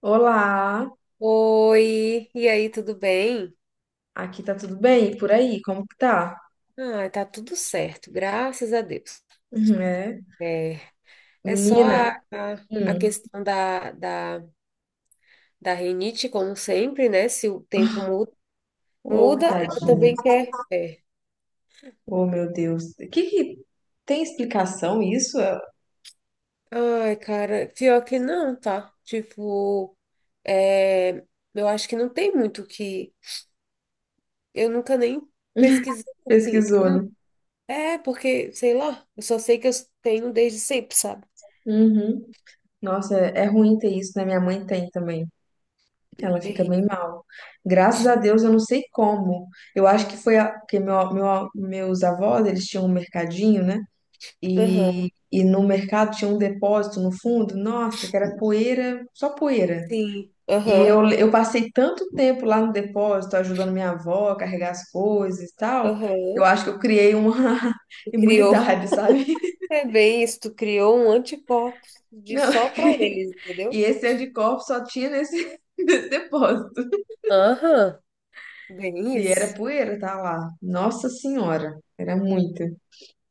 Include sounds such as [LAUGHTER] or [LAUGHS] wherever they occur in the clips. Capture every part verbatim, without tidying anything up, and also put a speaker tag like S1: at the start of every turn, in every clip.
S1: Olá,
S2: Oi, e aí, tudo bem?
S1: aqui tá tudo bem? E por aí, como que tá?
S2: Ah, tá tudo certo, graças a Deus.
S1: Uhum, é,
S2: É, é só a,
S1: menina,
S2: a, a
S1: hum,
S2: questão da, da, da rinite, como sempre, né? Se o tempo muda,
S1: ô,
S2: muda, ela
S1: tadinha,
S2: também quer. É.
S1: ô, meu Deus, que que tem explicação isso? É.
S2: Ai, cara, pior que não, tá? Tipo, é, eu acho que não tem muito o que. Eu nunca nem pesquisei assim, porque
S1: Pesquisou,
S2: não.
S1: né?
S2: É, porque, sei lá, eu só sei que eu tenho desde sempre, sabe?
S1: Uhum. Nossa, é, é ruim ter isso, né? Minha mãe tem também,
S2: É
S1: ela fica
S2: terrível.
S1: bem mal. Graças a Deus, eu não sei como. Eu acho que foi a, porque meu, meu, meus avós, eles tinham um mercadinho, né? E,
S2: Aham.
S1: e no mercado tinha um depósito no fundo, nossa, que era poeira, só poeira.
S2: Sim,
S1: E
S2: aham,
S1: eu, eu passei tanto tempo lá no depósito ajudando minha avó a carregar as coisas e tal, eu
S2: aham.
S1: acho que eu criei uma [LAUGHS]
S2: Tu criou. [LAUGHS]
S1: imunidade, sabe?
S2: É bem isso, tu criou um anticorpo de
S1: Não,
S2: só
S1: eu
S2: pra
S1: criei.
S2: eles,
S1: E
S2: entendeu?
S1: esse anticorpo só tinha nesse, [LAUGHS] nesse depósito.
S2: Aham, bem
S1: E era
S2: isso.
S1: poeira, tá lá. Nossa Senhora, era muita.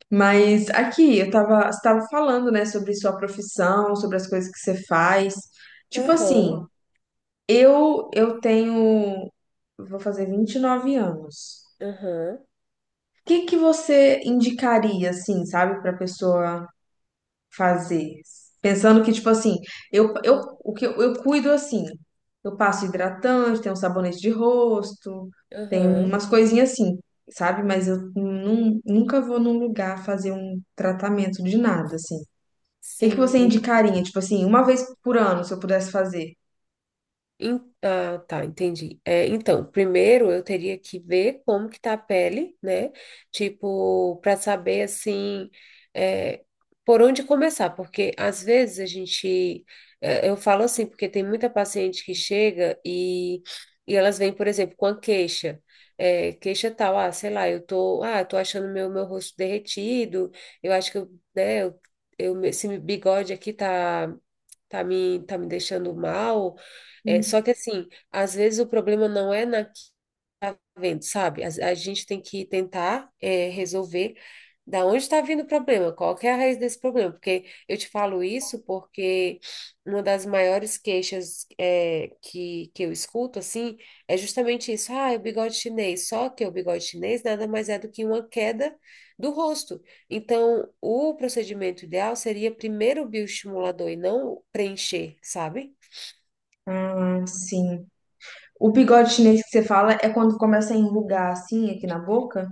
S1: Mas aqui, eu tava, você tava falando, né, sobre sua profissão, sobre as coisas que você faz. Tipo assim,
S2: Aham,
S1: eu eu tenho, vou fazer vinte e nove anos.
S2: aham,
S1: que que você indicaria, assim, sabe, para pessoa fazer? Pensando que, tipo assim, eu, eu,
S2: ah-
S1: o que eu, eu cuido assim, eu passo hidratante, tenho um sabonete de rosto, tem
S2: aham.
S1: umas coisinhas assim, sabe? Mas eu nun- nunca vou num lugar fazer um tratamento de nada, assim. O que que
S2: Sim,
S1: você
S2: entendi.
S1: indicaria? Tipo assim, uma vez por ano, se eu pudesse fazer?
S2: Em- Ah, tá, entendi. É, então, primeiro eu teria que ver como que tá a pele, né? Tipo, para saber assim, é, por onde começar, porque às vezes a gente, é, eu falo assim, porque tem muita paciente que chega e, e elas vêm, por exemplo, com a queixa, é, queixa tal, ah, sei lá, eu tô, ah, tô achando meu meu rosto derretido, eu acho que eu, né, eu, eu, esse bigode aqui tá tá me, tá me deixando mal. É, só que assim, às vezes o problema não é na vendo, sabe? A, a gente tem que tentar é, resolver da onde está vindo o problema, qual que é a raiz desse problema, porque eu te falo isso porque uma das maiores queixas é, que, que eu escuto, assim, é justamente isso, ah, é o bigode chinês, só que o bigode chinês nada mais é do que uma queda do rosto. Então, o procedimento ideal seria primeiro o bioestimulador e não preencher, sabe?
S1: Ah, sim. O bigode chinês que você fala é quando começa a enrugar assim aqui na boca?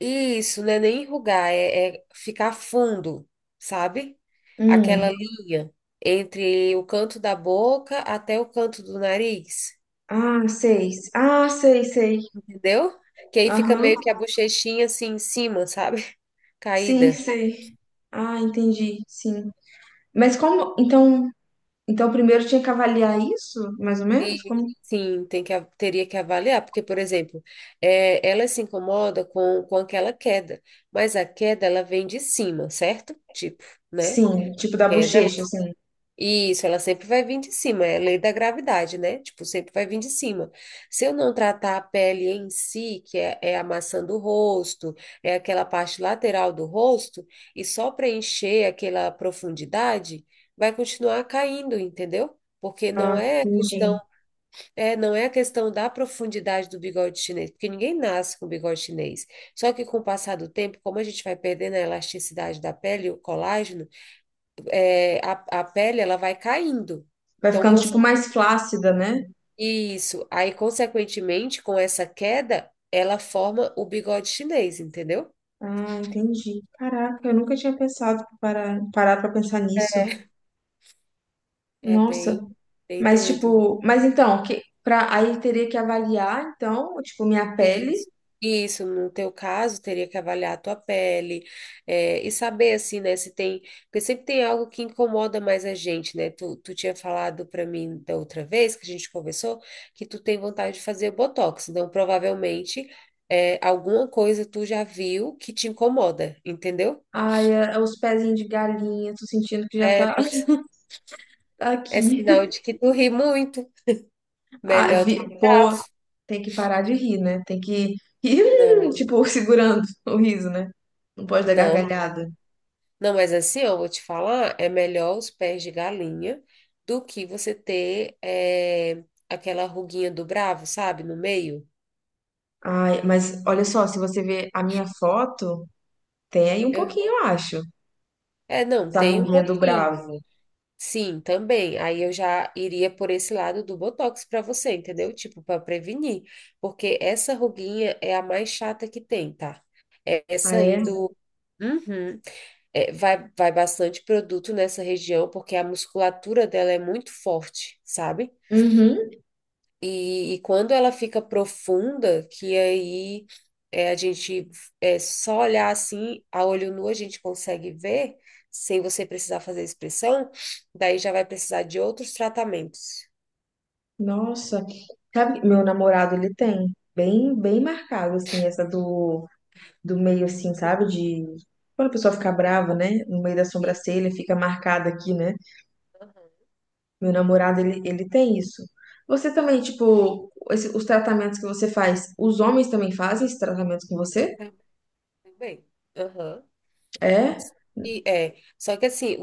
S2: Isso, não é nem enrugar, é, é ficar fundo, sabe? Aquela
S1: Hum.
S2: linha entre o canto da boca até o canto do nariz,
S1: Ah, sei. Ah, sei, sei.
S2: entendeu? Que aí fica
S1: Aham.
S2: meio que a bochechinha assim em cima, sabe? [LAUGHS]
S1: Sim,
S2: Caída.
S1: sei. Ah, entendi. Sim. Mas como. Então, então primeiro tinha que avaliar isso, mais ou menos?
S2: E
S1: Como?
S2: sim, tem que, a- teria que avaliar, porque, por exemplo, é, ela se incomoda com, com aquela queda, mas a queda ela vem de cima, certo? Tipo, né?
S1: Sim, tipo da
S2: Queda
S1: bochecha, assim.
S2: Isso, ela sempre vai vir de cima, é a lei da gravidade, né? Tipo, sempre vai vir de cima. Se eu não tratar a pele em si, que é, é a maçã do rosto, é aquela parte lateral do rosto, e só preencher aquela profundidade, vai continuar caindo, entendeu? Porque não
S1: Ah,
S2: é a questão,
S1: entendi.
S2: é, não é a questão da profundidade do bigode chinês, porque ninguém nasce com bigode chinês. Só que com o passar do tempo, como a gente vai perdendo a elasticidade da pele, o colágeno, é, a, a pele ela vai caindo.
S1: Vai
S2: Então,
S1: ficando, tipo,
S2: conse-
S1: mais flácida, né?
S2: isso. Aí, consequentemente, com essa queda, ela forma o bigode chinês, entendeu?
S1: Ah, entendi. Caraca, eu nunca tinha pensado para parar pra pensar nisso.
S2: É
S1: Nossa.
S2: bem, bem
S1: Mas,
S2: doido.
S1: tipo, mas então, que, pra, aí teria que avaliar, então, tipo, minha pele.
S2: Isso, isso, no teu caso, teria que avaliar a tua pele, é, e saber, assim, né, se tem, porque sempre tem algo que incomoda mais a gente, né, tu, tu tinha falado para mim da outra vez que a gente conversou, que tu tem vontade de fazer botox, então provavelmente é, alguma coisa tu já viu que te incomoda, entendeu?
S1: Ai, é- é os pezinhos de galinha, tô sentindo que já
S2: É,
S1: tá
S2: pois
S1: [LAUGHS]
S2: é sinal
S1: aqui.
S2: de que tu ri muito,
S1: Ah,
S2: melhor do
S1: vi-
S2: que
S1: pô,
S2: tava.
S1: tem que parar de rir, né? Tem que rir, hum,
S2: Não,
S1: tipo, [LAUGHS] segurando o riso, né? Não pode dar
S2: não.
S1: gargalhada.
S2: Não, mas assim, eu vou te falar, é melhor os pés de galinha do que você ter eh, aquela ruguinha do bravo, sabe, no meio.
S1: Ai, mas olha só, se você ver a minha foto, tem aí um
S2: Aham.
S1: pouquinho, eu acho,
S2: É, não,
S1: da
S2: tem um
S1: ruguinha do
S2: pouquinho.
S1: bravo.
S2: Sim, também. Aí eu já iria por esse lado do botox para você, entendeu? Tipo, para prevenir, porque essa ruguinha é a mais chata que tem, tá? É
S1: Ah,
S2: Essa aí
S1: é?
S2: do Uhum. É, vai vai bastante produto nessa região porque a musculatura dela é muito forte, sabe?
S1: Uhum.
S2: E, e quando ela fica profunda, que aí é, a gente é só olhar assim, a olho nu a gente consegue ver, sem você precisar fazer expressão, daí já vai precisar de outros tratamentos.
S1: Nossa. Sabe, meu namorado, ele tem bem, bem marcado, assim, essa do do meio, assim, sabe? De. Quando a pessoa fica brava, né? No meio da
S2: E,
S1: sobrancelha, fica marcada aqui, né?
S2: aham.
S1: Meu namorado, ele, ele tem isso. Você também, tipo, esse- os tratamentos que você faz, os homens também fazem esses tratamentos com você?
S2: tam- Também. Aham.
S1: É?
S2: E é, só que assim,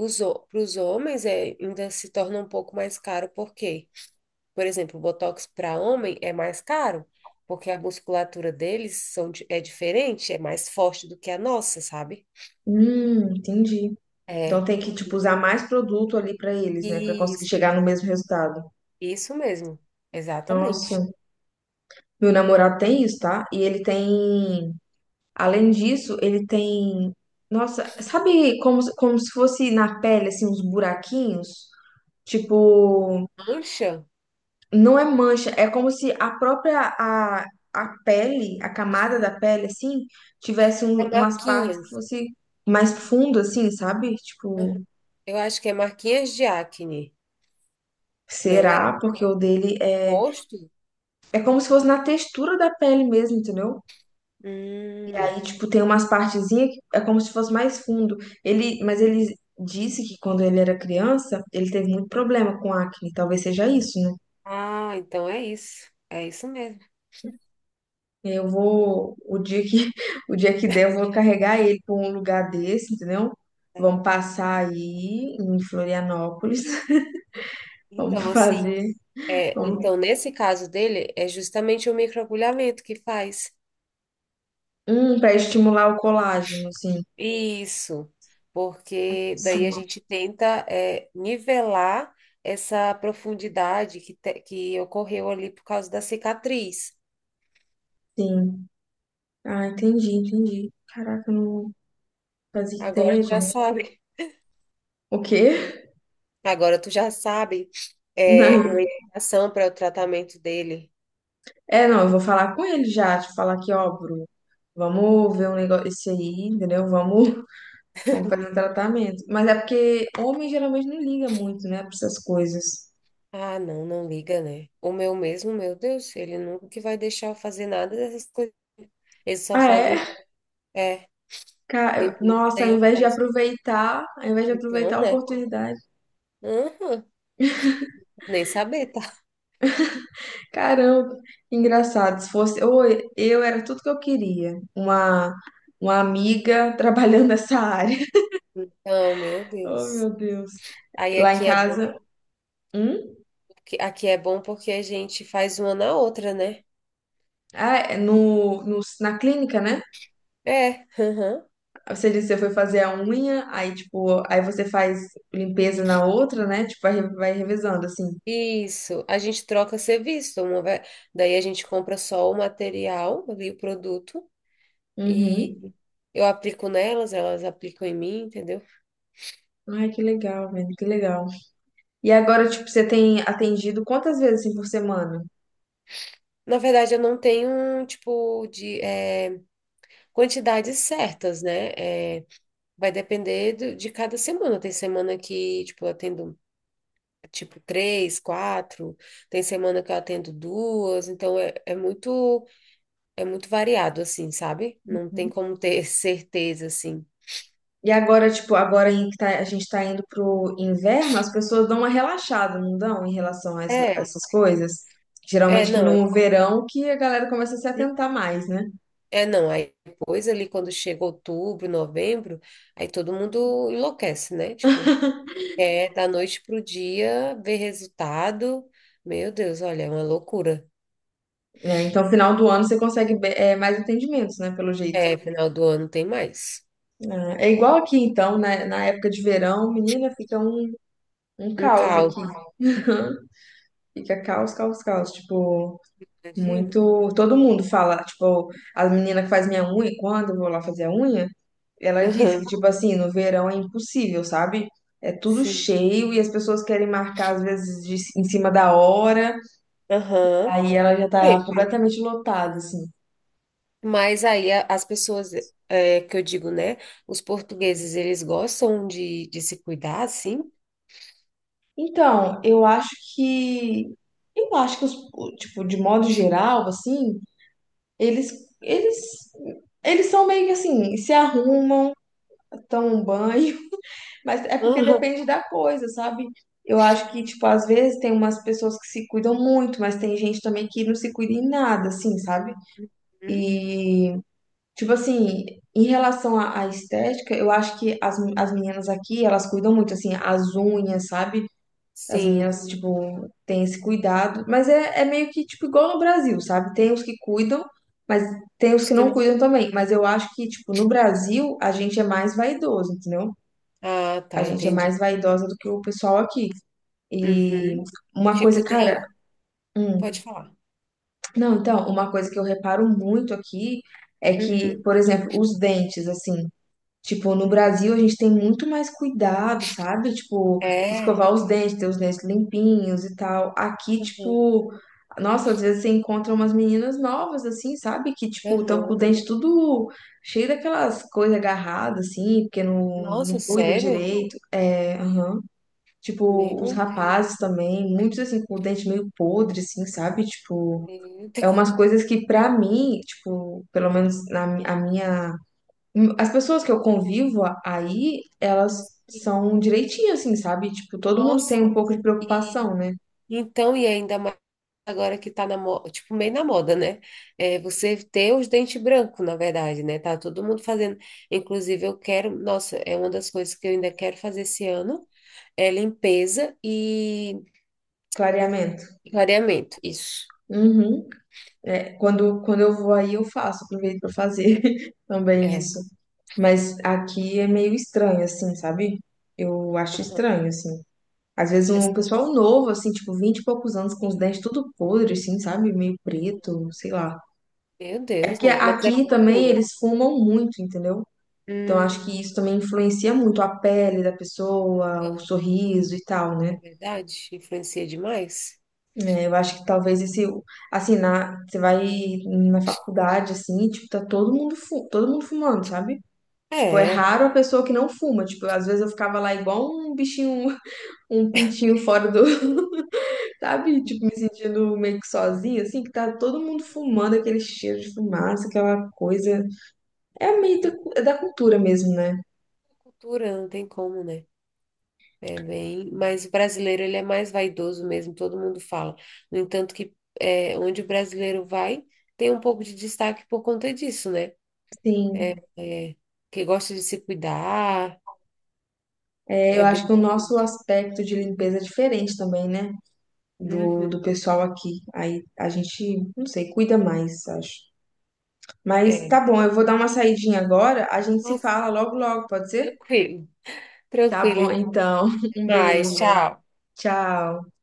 S2: para os homens é, ainda se torna um pouco mais caro, porque, por exemplo, o Botox para homem é mais caro, porque a musculatura deles são, di- é diferente, é mais forte do que a nossa, sabe?
S1: Hum, entendi. Então
S2: É.
S1: tem que, tipo, usar mais produto ali pra eles, né? Pra conseguir
S2: Isso,
S1: chegar no mesmo resultado.
S2: isso mesmo.
S1: Nossa,
S2: Exatamente.
S1: meu namorado tem isso, tá? E ele tem, além disso, ele tem, nossa, sabe como, como se fosse na pele, assim, uns buraquinhos? Tipo,
S2: Mancha
S1: não é mancha, é como se a própria a, a pele, a camada da pele, assim, tivesse
S2: é
S1: um- umas partes que
S2: marquinhas.
S1: fosse mais fundo, assim, sabe? Tipo,
S2: Uhum. Eu acho que é marquinhas de acne, não é?
S1: será? Porque o dele é.
S2: Rosto?
S1: É como se fosse na textura da pele mesmo, entendeu? E
S2: Hum.
S1: aí, tipo, tem umas partezinhas que é como se fosse mais fundo. Ele, mas ele disse que quando ele era criança, ele teve muito problema com acne, talvez seja isso, né?
S2: Ah, então é isso. É isso mesmo.
S1: Eu vou, o dia que, [LAUGHS] o dia que der, eu vou carregar ele para um lugar desse, entendeu?
S2: É.
S1: Vamos passar aí em Florianópolis. [LAUGHS] Vamos
S2: Então, assim,
S1: fazer.
S2: é,
S1: vamos-
S2: então nesse caso dele, é justamente o microagulhamento que faz.
S1: Hum, para estimular o colágeno, sim.
S2: Isso, porque daí a
S1: Sim,
S2: gente tenta é, nivelar essa profundidade que, te- que ocorreu ali por causa da cicatriz.
S1: sim. Ah, entendi, entendi. Caraca, eu não fazia
S2: Agora
S1: ideia,
S2: já
S1: gente.
S2: sabe,
S1: O quê?
S2: [LAUGHS] agora tu já sabe
S1: [LAUGHS]
S2: é,
S1: Não.
S2: uma indicação para o tratamento dele.
S1: É, não, eu vou falar com ele já, te falar que, ó, Bruno, vamos ver um negócio esse aí, entendeu? Vamos, [LAUGHS] vamos fazer um tratamento. Mas é porque homem geralmente não liga muito, né, para essas coisas.
S2: Ah, não, não liga, né? O meu mesmo, meu Deus, ele nunca que vai deixar eu fazer nada dessas coisas. Ele só
S1: Ah,
S2: faz lim
S1: é?
S2: é,
S1: Ca-
S2: limpeza,
S1: Nossa,
S2: daí
S1: ao
S2: eu
S1: invés de
S2: faço.
S1: aproveitar, ao invés de aproveitar
S2: Então,
S1: a
S2: né?
S1: oportunidade.
S2: Aham, nem saber, tá?
S1: Caramba, engraçado. Se fosse, ou eu era tudo que eu queria. Uma, uma amiga [LAUGHS] trabalhando nessa área. [LAUGHS]
S2: Não, meu
S1: Oh,
S2: Deus.
S1: meu Deus.
S2: Aí
S1: Lá em
S2: aqui é bom,
S1: casa, hum?
S2: porque- aqui é bom porque a gente faz uma na outra, né?
S1: Ah, é no, no, na clínica, né?
S2: É, aham.
S1: Você disse que você foi fazer a unha, aí tipo, aí você faz limpeza na outra, né? Tipo, vai, vai revezando assim.
S2: Isso. A gente troca serviço, uma ve- daí a gente compra só o material ali, o produto, e
S1: Uhum.
S2: eu aplico nelas, elas aplicam em mim, entendeu?
S1: Ai, que legal, velho, que legal. E agora, tipo, você tem atendido quantas vezes assim, por semana?
S2: Na verdade, eu não tenho, um tipo, de eh, quantidades certas, né? Eh, vai depender do- de cada semana. Tem semana que, tipo, eu atendo tipo três, quatro. Tem semana que eu atendo duas, então é, é muito é muito variado assim, sabe? Não tem como ter [LAUGHS] certeza assim.
S1: E agora, tipo, agora em que tá- a gente tá indo pro inverno, as pessoas dão uma relaxada, não dão, em relação a, essa-
S2: É,
S1: essas coisas?
S2: é
S1: Geralmente que
S2: não,
S1: no verão que a galera começa a se
S2: assim,
S1: atentar mais, né?
S2: é não. Aí depois ali quando chega outubro, novembro, aí todo mundo enlouquece, né? Tipo, é da noite pro dia ver resultado. Meu Deus, olha, é uma loucura.
S1: É, então, final do ano você consegue be- é, mais atendimentos, né? Pelo jeito.
S2: É, final do ano tem mais.
S1: É, é igual aqui, então, né? Na época de verão, menina, fica um, um
S2: Um
S1: caos
S2: caos,
S1: aqui. [LAUGHS] Fica caos, caos, caos. Tipo,
S2: imagino.
S1: muito. Todo mundo fala, tipo, a menina que faz minha unha, quando eu vou lá fazer a unha. Ela diz que,
S2: Aham,
S1: tipo assim, no verão é impossível, sabe? É tudo
S2: sim.
S1: cheio e as pessoas querem marcar, às vezes, de- em cima da hora,
S2: Aham.
S1: aí ela já tá
S2: Bem,
S1: completamente lotada, assim.
S2: mas aí a- as pessoas, é, que eu digo, né? Os portugueses, eles gostam de, de se cuidar, assim?
S1: Então, eu acho que. Eu acho que, os, o- tipo, de modo geral, assim, eles, eles, eles são meio que assim, se arrumam, tomam um banho, [LAUGHS] mas é porque
S2: Aham.
S1: depende da coisa, sabe? Eu acho que, tipo, às vezes tem umas pessoas que se cuidam muito, mas tem gente também que não se cuida em nada, assim, sabe?
S2: Hum?
S1: E, tipo assim, em relação à, à estética, eu acho que as, as meninas aqui, elas cuidam muito, assim, as unhas, sabe? As
S2: Sim.
S1: meninas, tipo, têm esse cuidado. Mas é, é meio que, tipo, igual no Brasil, sabe? Tem os que cuidam, mas tem os
S2: Acho
S1: que
S2: que
S1: não
S2: não.
S1: cuidam também. Mas eu acho que, tipo, no Brasil, a gente é mais vaidoso, entendeu?
S2: Ah,
S1: A
S2: tá,
S1: gente é
S2: entendi.
S1: mais vaidosa do que o pessoal aqui. E
S2: Uhum.
S1: uma
S2: Tipo,
S1: coisa, cara,
S2: tem... pode
S1: hum,
S2: falar.
S1: não, então, uma coisa que eu reparo muito aqui é que,
S2: Uhum.
S1: por exemplo, os dentes, assim. Tipo, no Brasil a gente tem muito mais cuidado, sabe? Tipo,
S2: É.
S1: escovar os dentes, ter os dentes limpinhos e tal. Aqui,
S2: Uhum.
S1: tipo, nossa, às vezes você encontra umas meninas novas, assim, sabe? Que, tipo, estão com o
S2: Uhum.
S1: dente tudo cheio daquelas coisas agarradas, assim, porque não,
S2: Nossa,
S1: não cuida
S2: sério?
S1: direito. É, aham. Tipo, os
S2: Meu Deus,
S1: rapazes também, muitos, assim, com o dente meio podre, assim, sabe? Tipo,
S2: meu
S1: é
S2: Deus.
S1: umas coisas que, pra mim, tipo, pelo menos na mi- a minha as pessoas que eu convivo a- aí, elas
S2: Sim.
S1: são direitinho, assim, sabe? Tipo, todo mundo tem um
S2: Nossa.
S1: pouco de
S2: E
S1: preocupação, né?
S2: então, e ainda mais, agora que tá na moda, tipo, meio na moda, né? É você ter os dentes brancos, na verdade, né? Tá todo mundo fazendo. Inclusive, eu quero, nossa, é uma das coisas que eu ainda quero fazer esse ano, é limpeza e
S1: Clareamento.
S2: clareamento. Isso.
S1: Uhum. É, quando, quando eu vou aí, eu faço, aproveito pra fazer [LAUGHS] também
S2: É.
S1: isso. Mas aqui é meio estranho, assim, sabe? Eu acho
S2: Aham.
S1: estranho, assim. Às vezes um
S2: Essa
S1: pessoal novo, assim, tipo, vinte e poucos anos, com os
S2: daí,
S1: dentes tudo podre, assim, sabe? Meio preto,
S2: aham.
S1: sei lá.
S2: Meu
S1: É
S2: Deus,
S1: porque
S2: né? Mas é
S1: aqui também
S2: cultura.
S1: eles fumam muito, entendeu? Então, acho
S2: Hum,
S1: que isso também influencia muito a pele da pessoa, o sorriso e tal, né?
S2: é verdade? Influencia demais?
S1: É, eu acho que talvez esse, assim, na, você vai na faculdade, assim, tipo, tá todo mundo, fu- todo mundo fumando, sabe? Tipo, é
S2: É.
S1: raro a pessoa que não fuma. Tipo, às vezes eu ficava lá igual um bichinho, [LAUGHS] um pintinho fora do, [LAUGHS] sabe? Tipo, me sentindo meio que sozinha, assim, que tá todo mundo
S2: Aham.
S1: fumando, aquele cheiro de fumaça, aquela coisa. É meio da, cu- é da cultura mesmo, né?
S2: Cultura, não tem como, né? É bem, mas o brasileiro ele é mais vaidoso mesmo, todo mundo fala. No entanto que é, onde o brasileiro vai, tem um pouco de destaque por conta disso, né? É,
S1: Sim.
S2: é, que gosta de se cuidar,
S1: É,
S2: é
S1: eu acho
S2: bem
S1: que o nosso
S2: diferente.
S1: aspecto de limpeza é diferente também, né? Do,
S2: Uhum,
S1: do pessoal aqui. Aí a gente, não sei, cuida mais, acho. Mas
S2: é.
S1: tá bom, eu vou dar uma saidinha agora. A gente se
S2: Nossa,
S1: fala logo, logo, pode ser?
S2: tranquilo,
S1: Tá
S2: tranquilo,
S1: bom,
S2: então,
S1: então. [LAUGHS]
S2: até
S1: Um beijo.
S2: mais, tchau.
S1: Tchau.